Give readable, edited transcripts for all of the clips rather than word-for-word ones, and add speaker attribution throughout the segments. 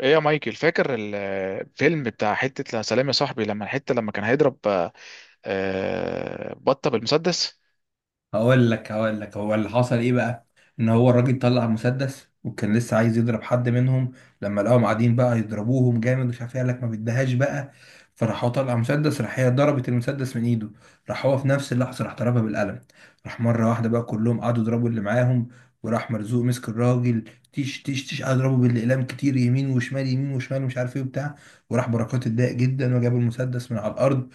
Speaker 1: ايه يا مايكل، فاكر الفيلم بتاع حتة لا سلام يا صاحبي؟ لما الحتة لما كان هيضرب بطة بالمسدس.
Speaker 2: هقول لك هو اللي حصل ايه بقى. ان هو الراجل طلع مسدس وكان لسه عايز يضرب حد منهم لما لقاهم قاعدين بقى يضربوهم جامد، مش عارف ايه. قال لك ما بيديهاش بقى. فراح هو طلع مسدس، راح هي ضربت المسدس من ايده، راح هو في نفس اللحظه راح ضربها بالقلم. راح مره واحده بقى كلهم قعدوا يضربوا اللي معاهم، وراح مرزوق مسك الراجل. تيش تيش تيش، قعد يضربه بالاقلام كتير، يمين وشمال يمين وشمال، ومش عارف ايه وبتاع. وراح بركات اتضايق جدا وجاب المسدس من على الارض،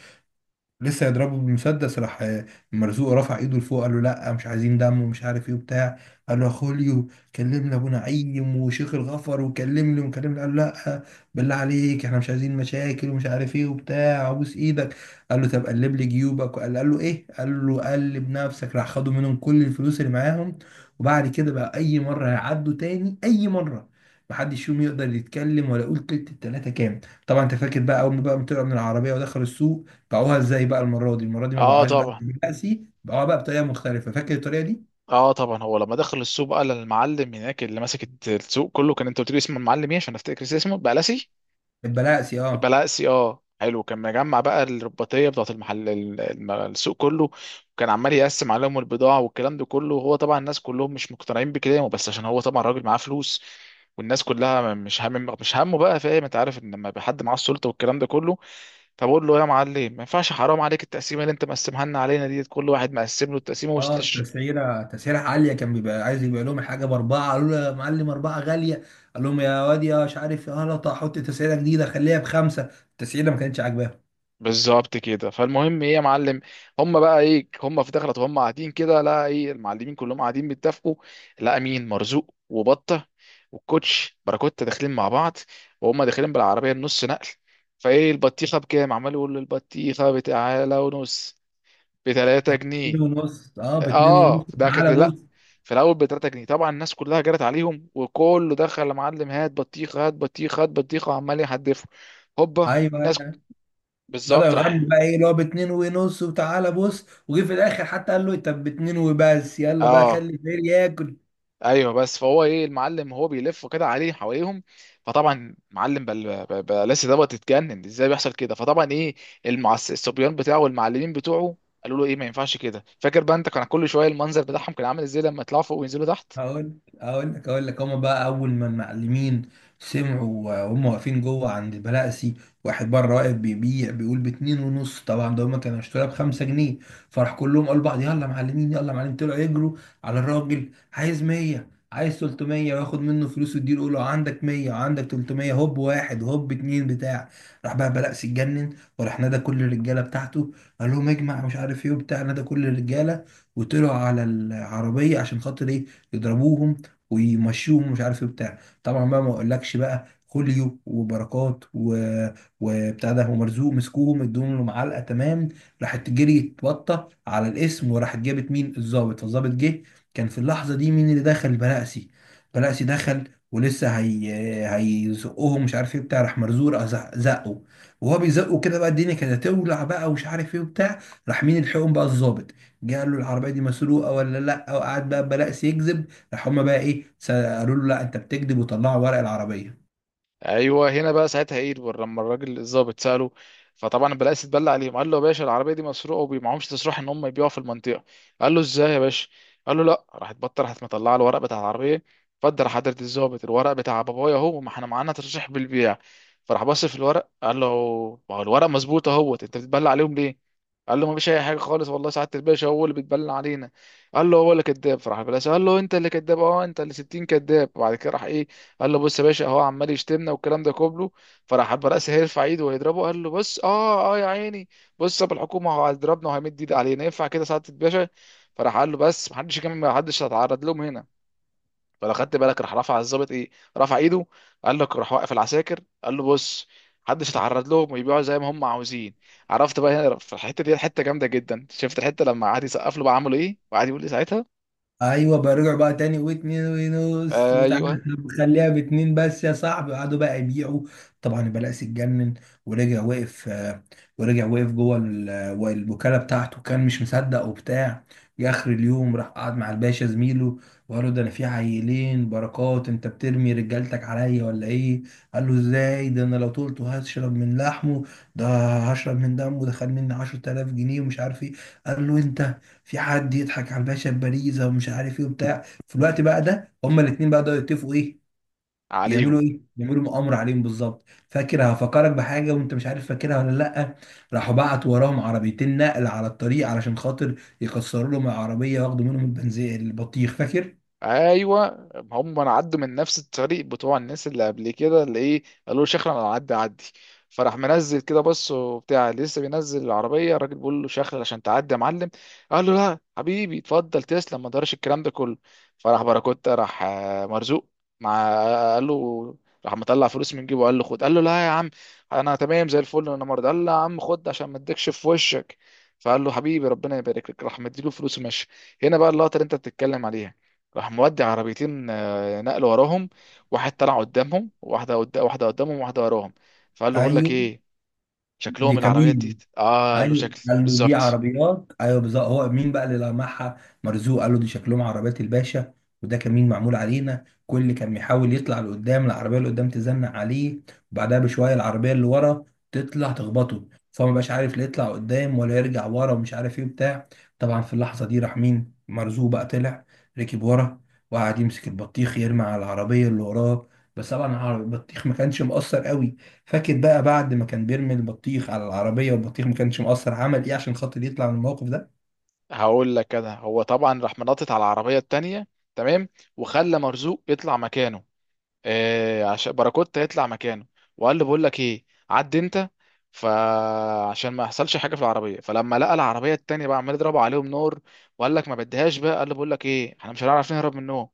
Speaker 2: لسه يضربه بالمسدس، راح مرزوق رفع ايده لفوق، قال له لا مش عايزين دم ومش عارف ايه وبتاع. قال له يا خوليو، كلمنا ابو نعيم وشيخ الغفر وكلمني وكلمني. قال له لا، بالله عليك احنا مش عايزين مشاكل ومش عارف ايه وبتاع، ابوس ايدك. قال له طب قلب لي جيوبك. قال له ايه؟ قال له قلب نفسك. راح خدوا منهم كل الفلوس اللي معاهم. وبعد كده بقى اي مره هيعدوا تاني اي مره محدش فيهم يقدر يتكلم ولا يقول كلمة. التلاتة كام؟ طبعا انت فاكر بقى اول ما بقى طلعوا من العربية ودخلوا السوق باعوها ازاي بقى. المره دي ما
Speaker 1: اه
Speaker 2: باعوهاش بقى
Speaker 1: طبعا.
Speaker 2: بلقسي، باعوها بقى بطريقه مختلفه. فاكر الطريقه دي؟
Speaker 1: اه طبعا هو لما دخل السوق بقى للمعلم هناك اللي ماسك السوق كله، كان انت قلت لي اسم المعلم ايه عشان افتكر اسمه بقى لاسي.
Speaker 2: البلاقسي، اه.
Speaker 1: بلاقسي اه، حلو. كان مجمع بقى الرباطيه بتاعت المحل السوق كله، وكان عمال يقسم عليهم البضاعه والكلام ده كله، وهو طبعا الناس كلهم مش مقتنعين بكلامه، بس عشان هو طبعا راجل معاه فلوس والناس كلها مش همه بقى، فاهم؟ انت عارف ان لما يبقى حد معاه السلطه والكلام ده كله، فبقول له يا معلم ما ينفعش، حرام عليك التقسيمه اللي انت مقسمها لنا علينا دي، كل واحد مقسم له التقسيمه.
Speaker 2: اه، تسعيره عاليه. كان بيبقى عايز يبيع لهم الحاجه باربعه، قالوا له يا معلم اربعه غاليه. قال لهم يا واد يا مش عارف يا غلط، هحط تسعيره جديده خليها بخمسه. التسعيره ما كانتش عاجباهم.
Speaker 1: بالظبط كده. فالمهم ايه يا معلم، هم بقى ايه، هم في دخلت وهم قاعدين كده، لا ايه، المعلمين كلهم قاعدين بيتفقوا. لا، مين؟ مرزوق وبطه والكوتش باراكوتا داخلين مع بعض، وهم داخلين بالعربيه النص نقل. فايه البطيخه بكام؟ عمال يقول له البطيخه بتعالى ونص، ب 3 جنيه.
Speaker 2: اتنين ونص، اه، باتنين ونص
Speaker 1: اه ده كانت،
Speaker 2: تعالى
Speaker 1: لا،
Speaker 2: بص.
Speaker 1: في الاول ب 3 جنيه. طبعا الناس كلها جرت عليهم وكله دخل يا معلم هات بطيخه هات بطيخه هات بطيخه وعمال يحدفوا هوبا
Speaker 2: ايوه،
Speaker 1: الناس.
Speaker 2: ايوه. بدأوا
Speaker 1: بالظبط.
Speaker 2: يغنوا
Speaker 1: راح
Speaker 2: بقى، ايه اللي هو باتنين ونص وتعالى بص، وجه في الاخر حتى قال له إيه، طب باتنين وبس يلا بقى
Speaker 1: اه،
Speaker 2: خلي الفقير ياكل.
Speaker 1: ايوه. بس فهو ايه المعلم هو بيلف كده عليه حواليهم، فطبعا معلم بلاسي دوت اتجنن ازاي بيحصل كده. فطبعا ايه، الصبيان بتاعه والمعلمين بتوعه قالوا له ايه، ما ينفعش كده. فاكر بقى انت كان كل شويه المنظر بتاعهم كان عامل ازاي لما يطلعوا فوق وينزلوا تحت؟
Speaker 2: هقول لك. هما بقى اول ما المعلمين سمعوا وهم واقفين جوه عند البلاسي، واحد بره واقف بيبيع بيقول باتنين ونص، طبعا ده هما كانوا اشتروها بخمسة جنيه. فراح كلهم قالوا لبعض يلا معلمين يلا معلمين، طلعوا يجروا على الراجل، عايز 100 عايز 300 وياخد منه فلوس ويديله، يقول له عندك 100 وعندك 300، هوب واحد هوب اتنين بتاع. راح بقى بلقس اتجنن، وراح نادى كل الرجاله بتاعته، قال لهم اجمع مش عارف ايه وبتاع، نادى كل الرجاله وطلعوا على العربيه عشان خاطر ايه، يضربوهم ويمشوهم مش عارف ايه بتاع. طبعا بقى ما اقولكش بقى خوليو وبركات وبتاع ده ومرزوق مسكوهم ادوهم له معلقه تمام. راحت جري اتبطه على الاسم وراحت جابت مين، الضابط. فالضابط جه، كان في اللحظه دي مين اللي دخل؟ بلاقسي. بلاقسي دخل ولسه هي هيزقهم مش عارف ايه بتاع، راح مرزوق راح زقه، وهو بيزقه كده بقى الدنيا كانت هتولع بقى ومش عارف ايه وبتاع. راح مين الحقهم بقى؟ الضابط. جه قال له العربيه دي مسروقه ولا لا، وقعد بقى بلاقسي يكذب. راح هم بقى ايه قالوا له لا انت بتكذب، وطلعوا ورق العربيه.
Speaker 1: ايوه هنا بقى ساعتها ايه، لما الراجل الظابط ساله، فطبعا البلاقي اتبلى عليهم. قال له يا باشا، العربيه دي مسروقه ومعهمش تصريح ان هم يبيعوا في المنطقه. قال له ازاي يا باشا؟ قال له لا. راحت بطه راحت مطلعه الورق بتاع العربيه. اتفضل يا حضره الظابط، الورق بتاع بابايا اهو، ما احنا معانا تصريح بالبيع. فراح بص في الورق قال له ما هو الورق مظبوط اهوت، انت بتتبلى عليهم ليه؟ قال له ما فيش اي حاجه خالص والله سعاده الباشا، هو اللي بيتبلى علينا. قال له هو اللي كذاب. فراح البلاقي قال له انت اللي كذاب. اه انت اللي 60 كذاب. وبعد كده راح ايه، قال له بص يا باشا اهو عمال يشتمنا والكلام ده كله. فراح حب راسه هيرفع ايده ويضربه، قال له بص اه اه يا عيني، بص طب الحكومه، هو هيضربنا وهيمد ايد علينا؟ ينفع كده سعاده الباشا؟ فراح قال له بس، محدش يكمل، محدش هيتعرض لهم هنا. فلو خدت بالك راح رفع الظابط ايه، رفع ايده، قال لك راح واقف العساكر قال له بص، محدش يتعرض لهم ويبيعوا زي ما هم عاوزين. عرفت بقى؟ هنا في الحته دي حته جامده جدا. شفت الحته لما قعد يسقف له بقى، عملوا ايه وقعد يقول لي ساعتها.
Speaker 2: ايوه، برجع بقى تاني، واتنين ونص وتعالى.
Speaker 1: ايوه
Speaker 2: طب خليها باتنين بس يا صاحبي، قعدوا بقى يبيعوا. طبعا البلاقي اتجنن، ورجع وقف، ورجع وقف جوه الوكاله بتاعته، كان مش مصدق وبتاع. جه اخر اليوم راح قعد مع الباشا زميله، وقال له ده انا في عيلين بركات انت بترمي رجالتك عليا ولا ايه؟ قال له ازاي، ده انا لو طولته هشرب من لحمه، ده هشرب من دمه، ده خد مني 10,000 جنيه ومش عارف ايه. قال له انت، في حد يضحك على الباشا بباريزا ومش عارف ايه وبتاع؟ في الوقت بقى ده هما الاثنين بقى بدأوا يتفقوا ايه يعملوا،
Speaker 1: عليهم.
Speaker 2: ايه يعملوا مؤامره عليهم بالظبط. فاكر، هفكرك بحاجه وانت مش عارف فاكرها ولا لا، راحوا بعت وراهم عربيتين نقل على الطريق علشان خاطر يكسروا لهم العربيه وياخدوا منهم البنزين البطيخ. فاكر؟
Speaker 1: ايوه هم انا عدوا من نفس الطريق بتوع الناس اللي قبل كده اللي ايه قالوا له شخرا انا، عدي عدي. فراح منزل كده بص وبتاع، لسه بينزل العربيه الراجل بيقول له شخرا عشان تعدي يا معلم. قال له لا حبيبي، اتفضل، تسلم، ما دارش الكلام ده كله. فراح باراكوتا، راح مرزوق مع، قال له، راح مطلع فلوس من جيبه قال له خد. قال له لا يا عم، انا تمام زي الفل، انا مرضى. قال له يا عم خد عشان ما اديكش في وشك. فقال له حبيبي ربنا يبارك لك، راح مديله فلوس ومشي. هنا بقى اللقطه اللي انت بتتكلم عليها. راح مودي عربيتين نقل وراهم، واحد طلع قدامهم، واحده قدام واحده قدامهم، واحده وراهم. فقال له بقول لك
Speaker 2: ايوه،
Speaker 1: ايه،
Speaker 2: دي
Speaker 1: شكلهم العربيات
Speaker 2: كمين.
Speaker 1: دي اه. قال له
Speaker 2: ايوه
Speaker 1: شكل
Speaker 2: قال له دي
Speaker 1: بالظبط.
Speaker 2: عربيات، ايوه بالظبط. هو مين بقى اللي لمعها؟ مرزوق. قال له دي شكلهم عربيات الباشا، وده كمين معمول علينا. كل اللي كان بيحاول يطلع لقدام، العربيه اللي قدام تزنق عليه، وبعدها بشويه العربيه اللي ورا تطلع تخبطه، فهو ما بقاش عارف لا يطلع قدام ولا يرجع ورا ومش عارف ايه وبتاع. طبعا في اللحظه دي راح مين؟ مرزوق بقى طلع ركب ورا، وقعد يمسك البطيخ يرمي على العربيه اللي وراه، بس طبعا البطيخ ما كانش مؤثر قوي. فاكر بقى بعد ما كان بيرمي البطيخ على العربية والبطيخ ما كانش مقصر، عمل ايه عشان خاطر يطلع من الموقف ده؟
Speaker 1: هقول لك انا. هو طبعا راح منطط على العربيه التانيه، تمام، وخلى مرزوق يطلع مكانه، آه عشان باراكوتا يطلع مكانه. وقال له بقول لك ايه، عد انت، فعشان ما يحصلش حاجه في العربيه. فلما لقى العربيه التانيه بقى عمال يضربوا عليهم نار، وقال لك ما بديهاش بقى. قال له بقول لك ايه، احنا مش هنعرف نهرب منهم،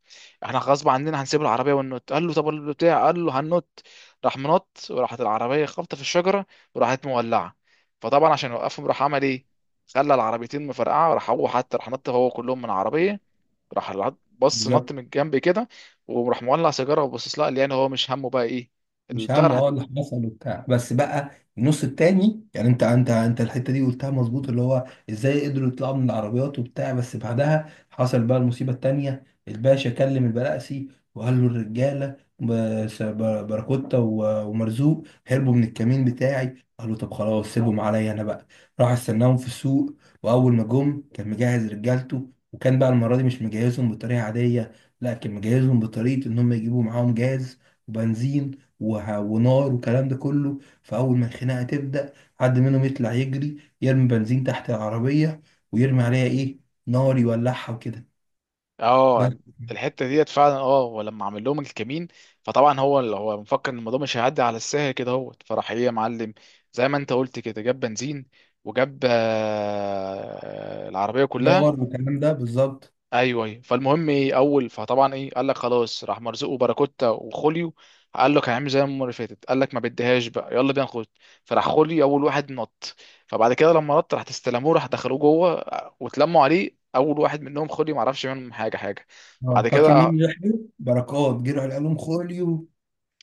Speaker 1: احنا غصب عننا هنسيب العربيه وننط. قال له طب البتاع؟ قال له هننط. راح منط وراحت العربيه خبطه في الشجره وراحت مولعه. فطبعا عشان يوقفهم راح عمل ايه، خلى العربيتين مفرقعه، راح هو حتى راح نط هو كلهم من العربيه. راح بص نط
Speaker 2: بالظبط.
Speaker 1: من الجنب كده، وراح مولع سيجاره وبصص لها. قال لي يعني هو مش همه بقى ايه.
Speaker 2: مش
Speaker 1: البتاع
Speaker 2: همه،
Speaker 1: راح
Speaker 2: اه، اللي حصل وبتاع، بس بقى النص التاني يعني انت انت انت الحته دي قلتها مظبوط، اللي هو ازاي قدروا يطلعوا من العربيات وبتاع. بس بعدها حصل بقى المصيبه التانيه، الباشا كلم البلقسي وقال له الرجاله باراكوتا ومرزوق هربوا من الكمين بتاعي. قال له طب خلاص سيبهم عليا انا بقى، راح استناهم في السوق، واول ما جم كان مجهز رجالته، وكان بقى المره دي مش مجهزهم بطريقه عاديه، لا، كان مجهزهم بطريقه ان هم يجيبوا معاهم جاز وبنزين ونار والكلام ده كله. فأول ما الخناقة تبدأ حد منهم يطلع يجري يرمي بنزين تحت العربية، ويرمي عليها إيه، نار، يولعها وكده، بس.
Speaker 1: اه. الحته ديت فعلا، اه، ولما عمل لهم الكمين، فطبعا هو اللي هو مفكر ان الموضوع مش هيعدي على السهل كده اهوت. فراح ايه يا معلم، زي ما انت قلت كده، جاب بنزين وجاب العربيه كلها.
Speaker 2: نار والكلام ده بالظبط.
Speaker 1: ايوه ايوه. فالمهم ايه، اول فطبعا ايه قال لك خلاص، راح مرزوق وباراكوتا وخوليو، قال لك هنعمل زي المره اللي فاتت، قال لك ما بديهاش بقى يلا بينا نخش. فراح خوليو اول واحد نط، فبعد كده لما نط راح تستلموه، راح دخلوه جوه واتلموا عليه. اول واحد منهم خوليو ما عرفش منهم حاجه. بعد
Speaker 2: اه فاكر مين
Speaker 1: كده،
Speaker 2: اللي لحقه؟ بركات جه راح قال لهم خوليو.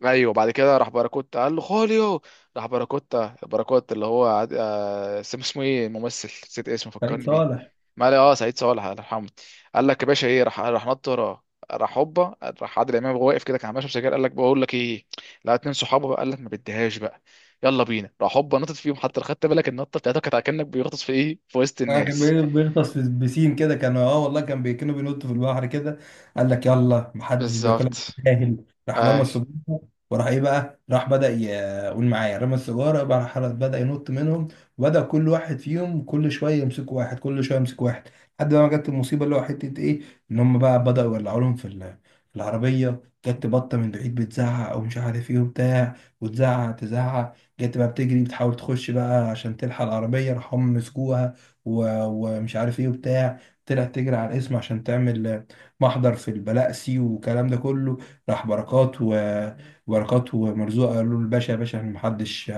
Speaker 1: ايوه بعد كده، باراكوتا قال له خوليو. راح باراكوتا باراكوتا اللي هو اسمه ايه الممثل، نسيت اسمه،
Speaker 2: سعيد
Speaker 1: فكرني بيه.
Speaker 2: صالح.
Speaker 1: ما اه سعيد صالح، الله يرحمه. قال لك يا باشا ايه، راح نط وراه، راح هوبا. راح عادل امام وهو واقف كده كان ماشي سجاير، قال لك بقول لك ايه، لا اتنين صحابه بقى، قال لك ما بديهاش بقى يلا بينا. راح هوبا نطت فيهم. حتى لو خدت بالك النطه بتاعته كانت كانك بيغطس في ايه، في وسط
Speaker 2: كان
Speaker 1: الناس.
Speaker 2: بيغطس في بسين كده، كان اه والله، كان كانوا بينطوا في البحر كده. قال لك يلا محدش بياكلها
Speaker 1: بالظبط.
Speaker 2: جاهل، راح رمى
Speaker 1: اي،
Speaker 2: السجارة، وراح ايه بقى راح بدأ قول معايا، رمى السجارة بقى راح بدأ ينط منهم، وبدأ كل واحد فيهم كل شوية يمسك واحد كل شوية يمسك واحد، لحد ما جت المصيبة اللي هو حتة ايه، ان هم بقى بدأوا يولعوا لهم في في العربية. جت بطة من بعيد بتزعق او مش عارف ايه وبتاع، وتزعق تزعق، جت بقى بتجري بتحاول تخش بقى عشان تلحق العربية، راح هم مسكوها ومش عارف ايه وبتاع. طلعت تجري على الاسم عشان تعمل محضر في البلقسي والكلام ده كله. راح بركات وبركات ومرزوق قالوا له الباشا، يا باشا احنا محدش،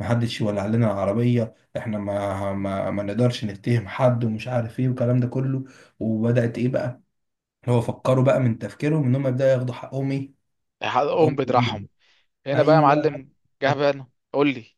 Speaker 2: محدش يولع لنا العربية، احنا ما نقدرش نتهم حد ومش عارف ايه والكلام ده كله. وبدأت ايه بقى، هو فكروا بقى من تفكيرهم ان هم يبدأوا ياخدوا حقهم ايه. حقهم
Speaker 1: حقهم بدراعهم.
Speaker 2: بالإيد.
Speaker 1: هنا بقى يا
Speaker 2: ايوه.
Speaker 1: معلم جه
Speaker 2: بالظبط.
Speaker 1: بقى. قول لي.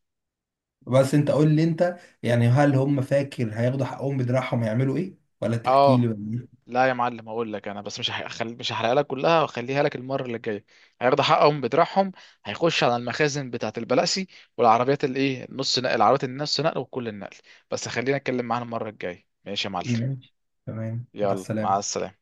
Speaker 2: بس انت قول لي انت، يعني هل هم فاكر هياخدوا حقهم بدراعهم هيعملوا ايه، ولا تحكي لي
Speaker 1: اه،
Speaker 2: ولا؟
Speaker 1: لا يا معلم اقول لك انا، بس مش هحرقها لك كلها واخليها لك المره اللي جايه. هياخدوا حقهم بدراعهم، هيخش على المخازن بتاعه البلاسي والعربيات نص نقل، العربيات النص نقل وكل النقل. بس خلينا اتكلم معانا المره الجايه ماشي يا معلم؟
Speaker 2: ماشي. تمام، مع
Speaker 1: يلا، مع
Speaker 2: السلامة.
Speaker 1: السلامه.